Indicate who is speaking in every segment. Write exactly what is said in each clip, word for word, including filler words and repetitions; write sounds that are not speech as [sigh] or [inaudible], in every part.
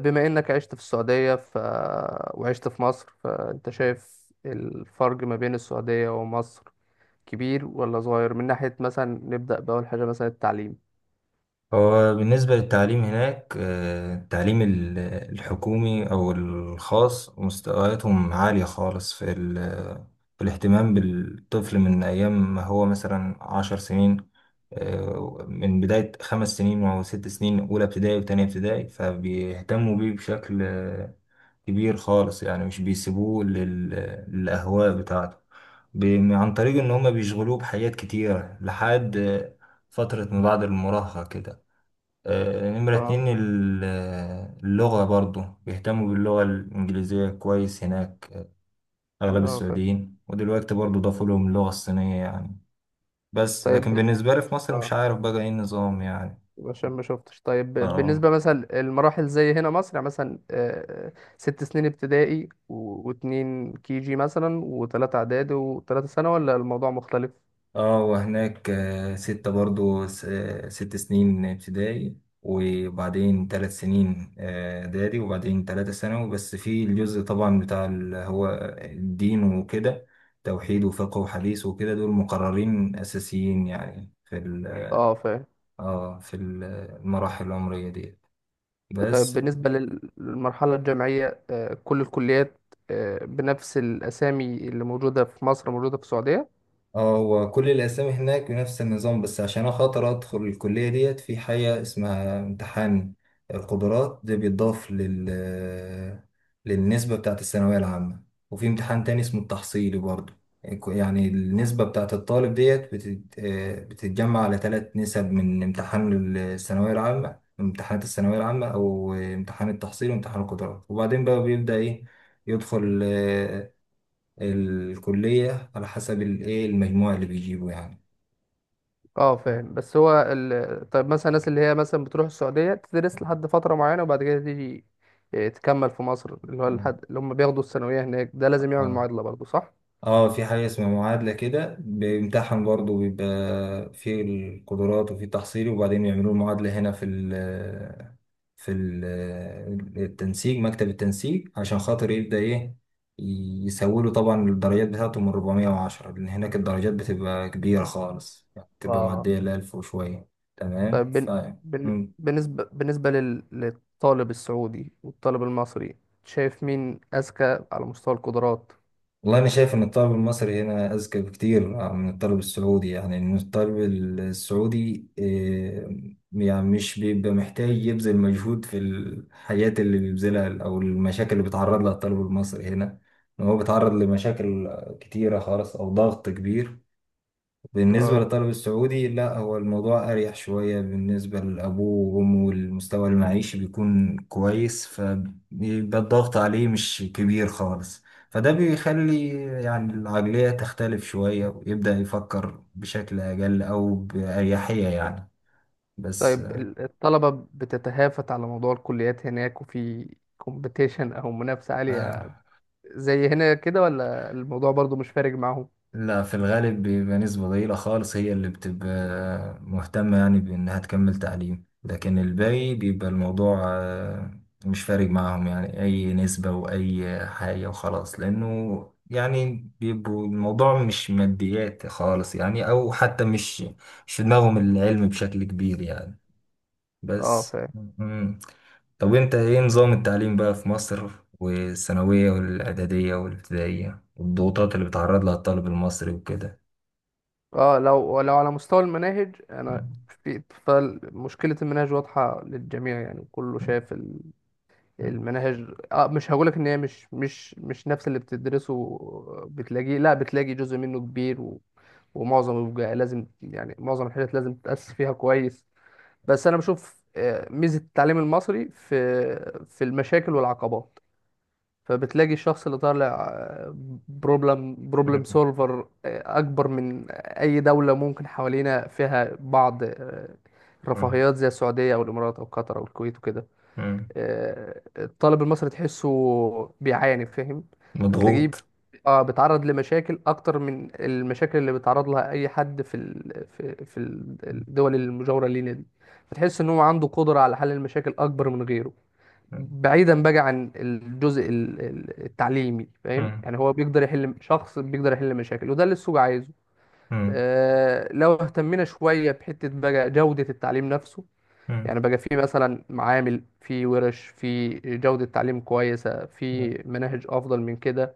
Speaker 1: بما انك عشت في السعودية ف... وعشت في مصر، فانت شايف الفرق ما بين السعودية ومصر كبير ولا صغير؟ من ناحية مثلا نبدأ بأول حاجة، مثلا التعليم.
Speaker 2: هو بالنسبة للتعليم هناك آه، التعليم ال- الحكومي أو الخاص مستوياتهم عالية خالص في ال- في الاهتمام بالطفل من أيام ما هو مثلا عشر سنين، آه، من بداية خمس سنين أو ست سنين، أولى ابتدائي وتانية ابتدائي، فبيهتموا بيه بشكل آه، كبير خالص، يعني مش بيسيبوه لل- للأهواء بتاعته، ب- عن طريق إن هما بيشغلوه بحاجات كتيرة لحد آه، فترة ما بعد المراهقة كده. آه، نمرة
Speaker 1: اه،
Speaker 2: اتنين، ال- آه، اللغة، برضو بيهتموا باللغة الإنجليزية كويس هناك. آه، أغلب
Speaker 1: اه، فاهم.
Speaker 2: السعوديين، ودلوقتي برضو ضافوا لهم اللغة الصينية يعني. بس
Speaker 1: طيب،
Speaker 2: لكن بالنسبة لي في مصر
Speaker 1: اه
Speaker 2: مش عارف بقى إيه النظام يعني.
Speaker 1: عشان ما شفتش. طيب ب-
Speaker 2: اه
Speaker 1: بالنسبة مثلا المراحل زي هنا مصر، يعني مثلا آه، ست سنين ابتدائي و- واتنين كي جي مثلا، وتلاتة إعدادي، وتلاتة سنة، ولا الموضوع مختلف؟
Speaker 2: اه، وهناك آه، ستة برضو س- آه، ست سنين ابتدائي، وبعدين ثلاث سنين آه، إعدادي، وبعدين ثلاثة ثانوي. بس في الجزء طبعا بتاع اللي هو الدين وكده: توحيد وفقه وحديث وكده، دول مقررين أساسيين يعني في ال-
Speaker 1: اه، فاهم.
Speaker 2: اه في ال- المراحل العمرية دي.
Speaker 1: طيب
Speaker 2: بس.
Speaker 1: بالنسبة لل- للمرحلة الجامعية، آه، كل الكليات آه، بنفس الأسامي اللي موجودة في مصر موجودة في السعودية؟
Speaker 2: اه، هو كل الأسامي هناك بنفس النظام، بس عشان أخاطر أدخل الكلية ديت في حاجة اسمها امتحان القدرات، ده بيتضاف لل للنسبة بتاعة الثانوية العامة، وفي امتحان تاني اسمه التحصيلي برضه. يعني يعني النسبة بتاعة الطالب ديت بتت... آه، بتتجمع على ثلاث نسب: من امتحان الثانوية العامة، امتحانات الثانوية العامة أو امتحان التحصيل وامتحان القدرات، وبعدين بقى بيبدأ إيه يدخل الكلية على حسب الايه، المجموع اللي بيجيبه يعني.
Speaker 1: اه، فاهم. بس هو ال... طيب مثلا الناس اللي هي مثلا بتروح السعودية تدرس لحد فترة معينة، وبعد كده تيجي آه، تكمل في مصر، اللي هو
Speaker 2: تمام.
Speaker 1: الحد اللي هم بياخدوا الثانوية هناك، ده لازم يعمل
Speaker 2: اه
Speaker 1: معادلة برضه، صح؟
Speaker 2: اه، في حاجة اسمها معادلة كده، بيمتحن برضه، بيبقى في القدرات وفي تحصيلي، وبعدين يعملوا المعادلة هنا في ال في ال التنسيق، مكتب التنسيق، عشان خاطر يبدأ ايه يسوله. طبعا الدرجات بتاعته من اربعمية وعشرة، لأن هناك الدرجات بتبقى كبيرة خالص، يعني بتبقى
Speaker 1: اه.
Speaker 2: معدية ال الألف وشوية. تمام
Speaker 1: طيب
Speaker 2: ف
Speaker 1: بن... بن... بالنسبة بالنسبة لل... للطالب السعودي والطالب المصري، شايف مين أذكى على مستوى القدرات؟
Speaker 2: والله أنا شايف إن الطالب المصري هنا أذكى بكتير من الطالب السعودي، يعني إن الطالب السعودي آه، يعني مش بيبقى محتاج يبذل مجهود في الحياة اللي بيبذلها، أو المشاكل اللي بيتعرض لها الطالب المصري هنا. إن هو بيتعرض لمشاكل كتيرة خالص أو ضغط كبير. بالنسبة
Speaker 1: اه.
Speaker 2: للطالب السعودي لا، هو الموضوع أريح شوية، بالنسبة لأبوه وأمه والمستوى المعيشي بيكون كويس، فبيبقى الضغط عليه مش كبير خالص. فده بيخلي يعني العقلية تختلف شوية، ويبدأ يفكر بشكل أقل أو بأريحية يعني. بس
Speaker 1: طيب ال- الطلبة بتتهافت على موضوع الكليات هناك، وفي كومبيتيشن أو منافسة عالية
Speaker 2: آه
Speaker 1: زي هنا كده، ولا الموضوع برضو مش فارق معاهم؟
Speaker 2: لا، في الغالب بيبقى نسبة ضئيلة خالص هي اللي بتبقى مهتمة يعني بإنها تكمل تعليم، لكن الباقي بيبقى الموضوع آه، مش فارق معاهم، يعني أي نسبة وأي حاجة وخلاص، لأنه يعني بيبقوا الموضوع مش ماديات خالص يعني، أو حتى مش مش في دماغهم العلم بشكل كبير يعني.
Speaker 1: اه،
Speaker 2: بس
Speaker 1: فاهم.
Speaker 2: مم. طب وانت ايه نظام التعليم بقى في مصر، والثانوية والإعدادية والابتدائية والضغوطات اللي بيتعرض لها الطالب المصري وكده؟
Speaker 1: اه، لو لو على مستوى المناهج، انا
Speaker 2: مم.
Speaker 1: في، فمشكلة المناهج واضحة للجميع، يعني كله
Speaker 2: مم.
Speaker 1: شايف ال-
Speaker 2: مم.
Speaker 1: المناهج. اه، مش هقولك ان هي مش مش مش نفس اللي بتدرسه، بتلاقيه، لا بتلاقي جزء منه كبير، و... ومعظم بيبقى لازم، يعني معظم الحاجات لازم تتأسس فيها كويس. بس انا بشوف آه، ميزه التعليم المصري في في المشاكل والعقبات، فبتلاقي الشخص اللي طالع بروبلم بروبلم
Speaker 2: مم.
Speaker 1: سولفر اكبر من اي دوله ممكن حوالينا، فيها بعض آه،
Speaker 2: مم.
Speaker 1: رفاهيات زي السعوديه او الامارات او قطر او الكويت وكده.
Speaker 2: مم.
Speaker 1: آه، الطالب المصري تحسه بيعاني، فاهم، فتلاقيه
Speaker 2: مضغوط.
Speaker 1: اه بيتعرض لمشاكل اكتر من المشاكل اللي بيتعرض لها اي حد في ال... في في الدول المجاوره لينا دي. فتحس ان هو عنده قدره على حل المشاكل اكبر من غيره،
Speaker 2: مم.
Speaker 1: بعيدا بقى عن الجزء ال- ال- التعليمي، فاهم.
Speaker 2: مم.
Speaker 1: يعني هو بيقدر يحل، شخص بيقدر يحل مشاكل، وده اللي السوق عايزه.
Speaker 2: مم.
Speaker 1: آه، لو اهتمينا شويه بحته بقى جوده التعليم نفسه، يعني بقى في مثلا معامل، في ورش، في جودة تعليم كويسة، في
Speaker 2: مم.
Speaker 1: مناهج أفضل من كده،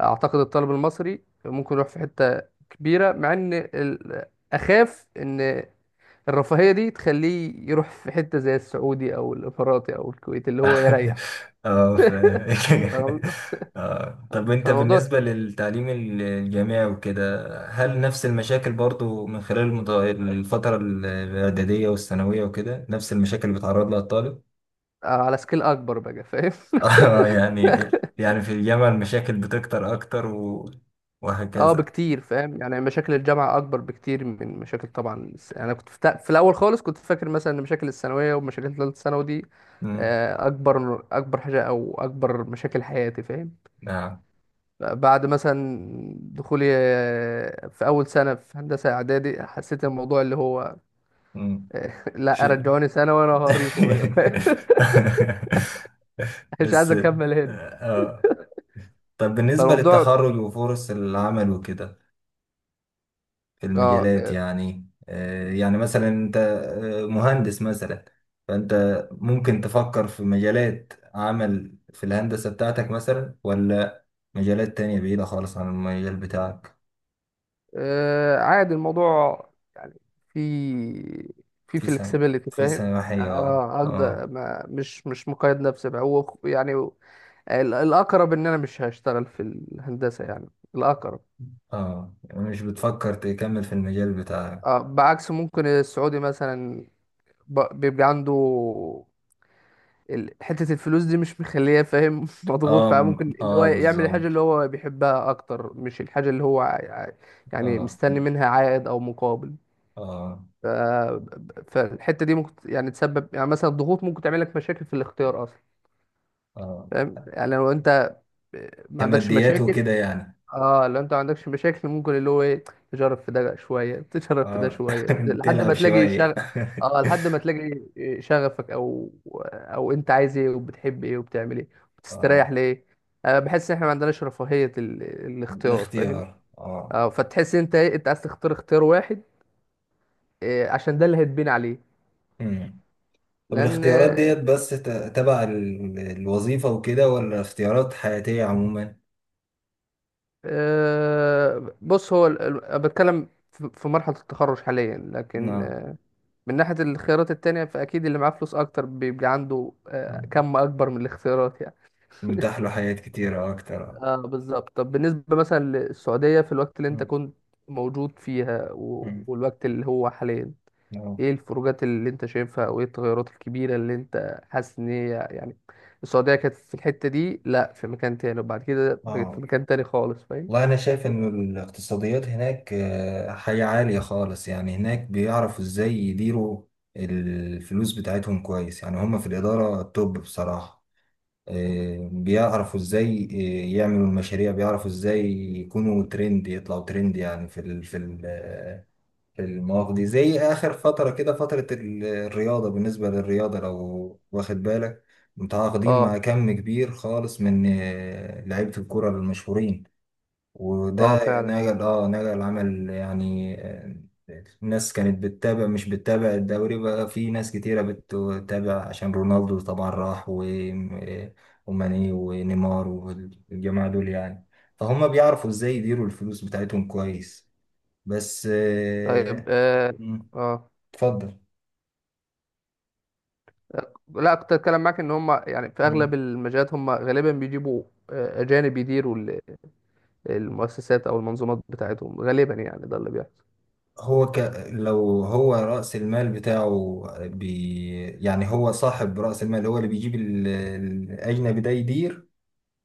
Speaker 1: أعتقد الطالب المصري ممكن يروح في حتة كبيرة. مع إن ال- أخاف إن الرفاهية دي تخليه يروح في حتة زي السعودي أو الإماراتي أو الكويت اللي هو
Speaker 2: [laughs]
Speaker 1: يريح.
Speaker 2: اه ف... [laughs]
Speaker 1: فالموضوع
Speaker 2: اه، طب انت
Speaker 1: فالموضوع
Speaker 2: بالنسبة للتعليم ال- الجامعي وكده، هل نفس المشاكل برضو من خلال المت- الفترة ال- الإعدادية والثانوية وكده، نفس المشاكل اللي بيتعرض لها الطالب؟
Speaker 1: على سكيل أكبر بقى، فاهم.
Speaker 2: [laughs] اه يعني، يعني في الجامعة المشاكل بتكتر أكتر و...
Speaker 1: اه،
Speaker 2: وهكذا.
Speaker 1: بكتير، فاهم. يعني مشاكل الجامعة أكبر بكتير من مشاكل، طبعا الس- يعني أنا كنت في, تا- في الأول خالص كنت فاكر مثلا إن مشاكل الثانوية ومشاكل تالتة ثانوي دي
Speaker 2: مم.
Speaker 1: آه، أكبر أكبر حاجة، أو أكبر مشاكل حياتي، فاهم.
Speaker 2: نعم.
Speaker 1: بعد مثلا دخولي آه، في أول سنة في هندسة إعدادي، حسيت الموضوع اللي هو
Speaker 2: مم.
Speaker 1: آه، [laughs]
Speaker 2: شو.
Speaker 1: لا رجعوني سنة وأنا هوريكم بقى، فاهم؟
Speaker 2: [laughs]
Speaker 1: [laughs] مش عايز
Speaker 2: بس.
Speaker 1: أكمل هنا.
Speaker 2: اه، طب بالنسبة
Speaker 1: فالموضوع.
Speaker 2: للتخرج وفرص العمل وكده،
Speaker 1: اه
Speaker 2: المجالات
Speaker 1: آه،
Speaker 2: يعني، آه، يعني مثلا انت آه، مهندس مثلا، فانت ممكن تفكر في مجالات عمل في الهندسة بتاعتك مثلا، ولا مجالات تانية بعيدة خالص عن المجال بتاعك؟
Speaker 1: آه، عادي الموضوع، في في
Speaker 2: في سم
Speaker 1: flexibility،
Speaker 2: في
Speaker 1: فاهم.
Speaker 2: سماحية، اه
Speaker 1: اه اقدر،
Speaker 2: اه.
Speaker 1: ما مش مش مقيد نفسي بقى، هو يعني ال- الاقرب ان انا مش هشتغل في الهندسه يعني، الاقرب.
Speaker 2: اه، يعني مش بتفكر تكمل في المجال بتاعك.
Speaker 1: آه، بعكس ممكن السعودي مثلا ب- بيبقى عنده ال- حته الفلوس دي مش مخليه، فاهم، [laughs] مضغوط،
Speaker 2: اه م-
Speaker 1: فممكن اللي هو
Speaker 2: اه
Speaker 1: يعمل الحاجه
Speaker 2: بالظبط.
Speaker 1: اللي هو بيحبها اكتر، مش الحاجه اللي هو ع- ع- يعني
Speaker 2: اه
Speaker 1: مستني منها عائد او مقابل.
Speaker 2: اه
Speaker 1: ف- فالحته دي ممكن يعني تسبب، يعني مثلا الضغوط ممكن تعمل لك مشاكل في الاختيار اصلا،
Speaker 2: اه،
Speaker 1: فاهم. يعني لو انت ما عندكش
Speaker 2: كماديات
Speaker 1: مشاكل،
Speaker 2: وكده يعني.
Speaker 1: اه، لو انت ما عندكش مشاكل ممكن اللي هو ايه، تجرب في ده شويه [laughs] تجرب في ده
Speaker 2: اه.
Speaker 1: شويه
Speaker 2: [laughs]
Speaker 1: لحد
Speaker 2: تلعب
Speaker 1: ما تلاقي
Speaker 2: شوية.
Speaker 1: شغف. اه، لحد ما تلاقي شغفك، او او انت عايز ايه، وبتحب ايه، وبتعمل ايه،
Speaker 2: [laughs]
Speaker 1: وبتستريح
Speaker 2: اه،
Speaker 1: ليه. انا بحس ان احنا ما عندناش رفاهيه ال... الاختيار، فاهم.
Speaker 2: الاختيار اه.
Speaker 1: اه، فتحس انت ايه، انت عايز تختار اختيار واحد، آه، عشان ده اللي هتبين عليه،
Speaker 2: مم. طب
Speaker 1: لان.
Speaker 2: الاختيارات ديت بس ت- تبع ال- الوظيفة وكده، ولا اختيارات حياتية عموما؟
Speaker 1: آه، بص، هو ال- ال- أنا بتكلم في في مرحلة التخرج حاليا، لكن
Speaker 2: نعم.
Speaker 1: آه، من ناحية الاختيارات التانية، فأكيد اللي معاه فلوس أكتر بيبقى عنده آه،
Speaker 2: مم.
Speaker 1: كم أكبر من الاختيارات، يعني.
Speaker 2: متاح له حاجات كتيرة أكتر، اه.
Speaker 1: اه، بالظبط. طب بالنسبة مثلا للسعودية، في الوقت اللي أنت
Speaker 2: مم.
Speaker 1: كنت موجود فيها و-
Speaker 2: مم.
Speaker 1: والوقت اللي هو حاليا،
Speaker 2: اه.
Speaker 1: إيه الفروقات اللي أنت شايفها، وإيه التغيرات الكبيرة اللي أنت حاسس إن هي، يعني السعودية كانت في الحتة دي، لأ في مكان تاني، وبعد كده بقت في
Speaker 2: آه.
Speaker 1: مكان تاني خالص، فاهم؟
Speaker 2: والله أنا شايف إن الاقتصاديات هناك آه، حاجة عالية خالص، يعني هناك بيعرفوا إزاي يديروا الفلوس بتاعتهم كويس يعني. هما في الإدارة توب بصراحة. آه، بيعرفوا ازاي آه، يعملوا المشاريع، بيعرفوا ازاي يكونوا ترند، يطلعوا ترند، يعني في ال في ال آه، في المواقف دي، زي اخر فترة كده، فترة ال- الرياضة. بالنسبة للرياضة لو واخد بالك، متعاقدين
Speaker 1: اه،
Speaker 2: مع كم كبير خالص من آه، لعيبة الكرة المشهورين. وده
Speaker 1: اه، فعلا.
Speaker 2: نجل اه نجل عمل، يعني آه، الناس كانت بتتابع، مش بتتابع الدوري بقى، في ناس كتيرة بتتابع عشان رونالدو طبعا راح و- آه، وماني ونيمار والجماعة دول يعني. فهم بيعرفوا ازاي يديروا الفلوس بتاعتهم كويس. بس
Speaker 1: طيب.
Speaker 2: آه،
Speaker 1: اه،
Speaker 2: مم،
Speaker 1: اه،
Speaker 2: اتفضل.
Speaker 1: لا، كنت اتكلم معاك ان هم يعني في اغلب
Speaker 2: مم.
Speaker 1: المجالات هم غالبا بيجيبوا آه، اجانب يديروا ال- المؤسسات او المنظومات بتاعتهم، غالبا يعني ده اللي بيحصل.
Speaker 2: هو ك... لو هو رأس المال بتاعه بي... يعني هو صاحب رأس المال، هو اللي بيجيب ال- الأجنبي ده يدير.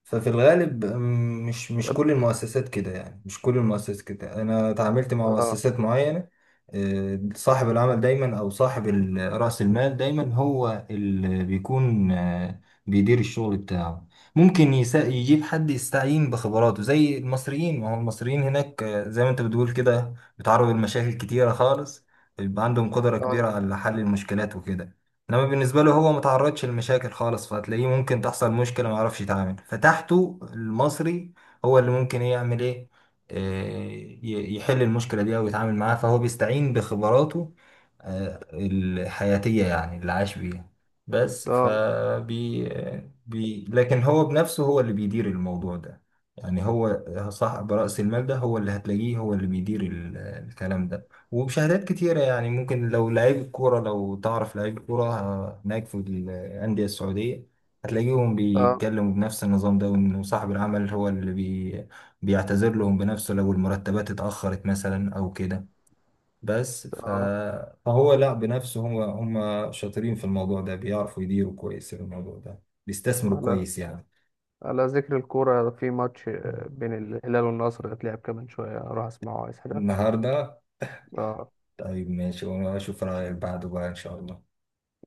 Speaker 2: ففي الغالب م- مش مش
Speaker 1: طب-
Speaker 2: كل المؤسسات كده، يعني مش كل المؤسسات كده، انا تعاملت مع
Speaker 1: اه،
Speaker 2: مؤسسات معينة. آه، صاحب العمل دايما، او صاحب ال- رأس المال دايما، هو اللي بيكون آه، بيدير الشغل بتاعه. ممكن يسا- يجيب حد يستعين بخبراته زي المصريين، ما هو المصريين هناك آه، زي ما انت بتقول كده بيتعرضوا لمشاكل كتيرة خالص، بيبقى عندهم قدرة
Speaker 1: اه،
Speaker 2: كبيرة على حل المشكلات وكده. انما بالنسبه له، هو متعرضش لمشاكل خالص، فهتلاقيه ممكن تحصل مشكله ما يعرفش يتعامل، فتحته المصري هو اللي ممكن إيه يعمل ايه، إيه، ي- يحل المشكله دي او يتعامل معاها. فهو بيستعين بخبراته آه، الحياتيه يعني، اللي عاش بيها. بس
Speaker 1: اه،
Speaker 2: فبي بي لكن هو بنفسه هو اللي بيدير الموضوع ده، يعني هو صاحب رأس المال ده هو اللي هتلاقيه هو اللي بيدير ال- الكلام ده. وبشهادات كتيرة، يعني ممكن لو لعيب الكورة، لو تعرف لعيب الكورة ه- هناك في الأندية السعودية هتلاقيهم
Speaker 1: اه،
Speaker 2: بيتكلموا بنفس النظام ده، وإنه صاحب العمل هو اللي بي بيعتذر لهم بنفسه لو المرتبات اتأخرت مثلا أو كده. بس ف...
Speaker 1: اه،
Speaker 2: فهو لا بنفسه، هو هم شاطرين في الموضوع ده، بيعرفوا يديروا كويس الموضوع ده، بيستثمروا
Speaker 1: على
Speaker 2: كويس يعني.
Speaker 1: على ذكر الكورة، في ماتش آه، بين الهلال والنصر هيتلعب كمان شوية، اروح اسمعه، عايز حاجة.
Speaker 2: النهاردة.
Speaker 1: اه،
Speaker 2: طيب ماشي، وأنا أشوف رأيك بعده بقى إن شاء الله.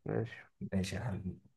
Speaker 1: ماشي.
Speaker 2: ماشي يا حبيبي.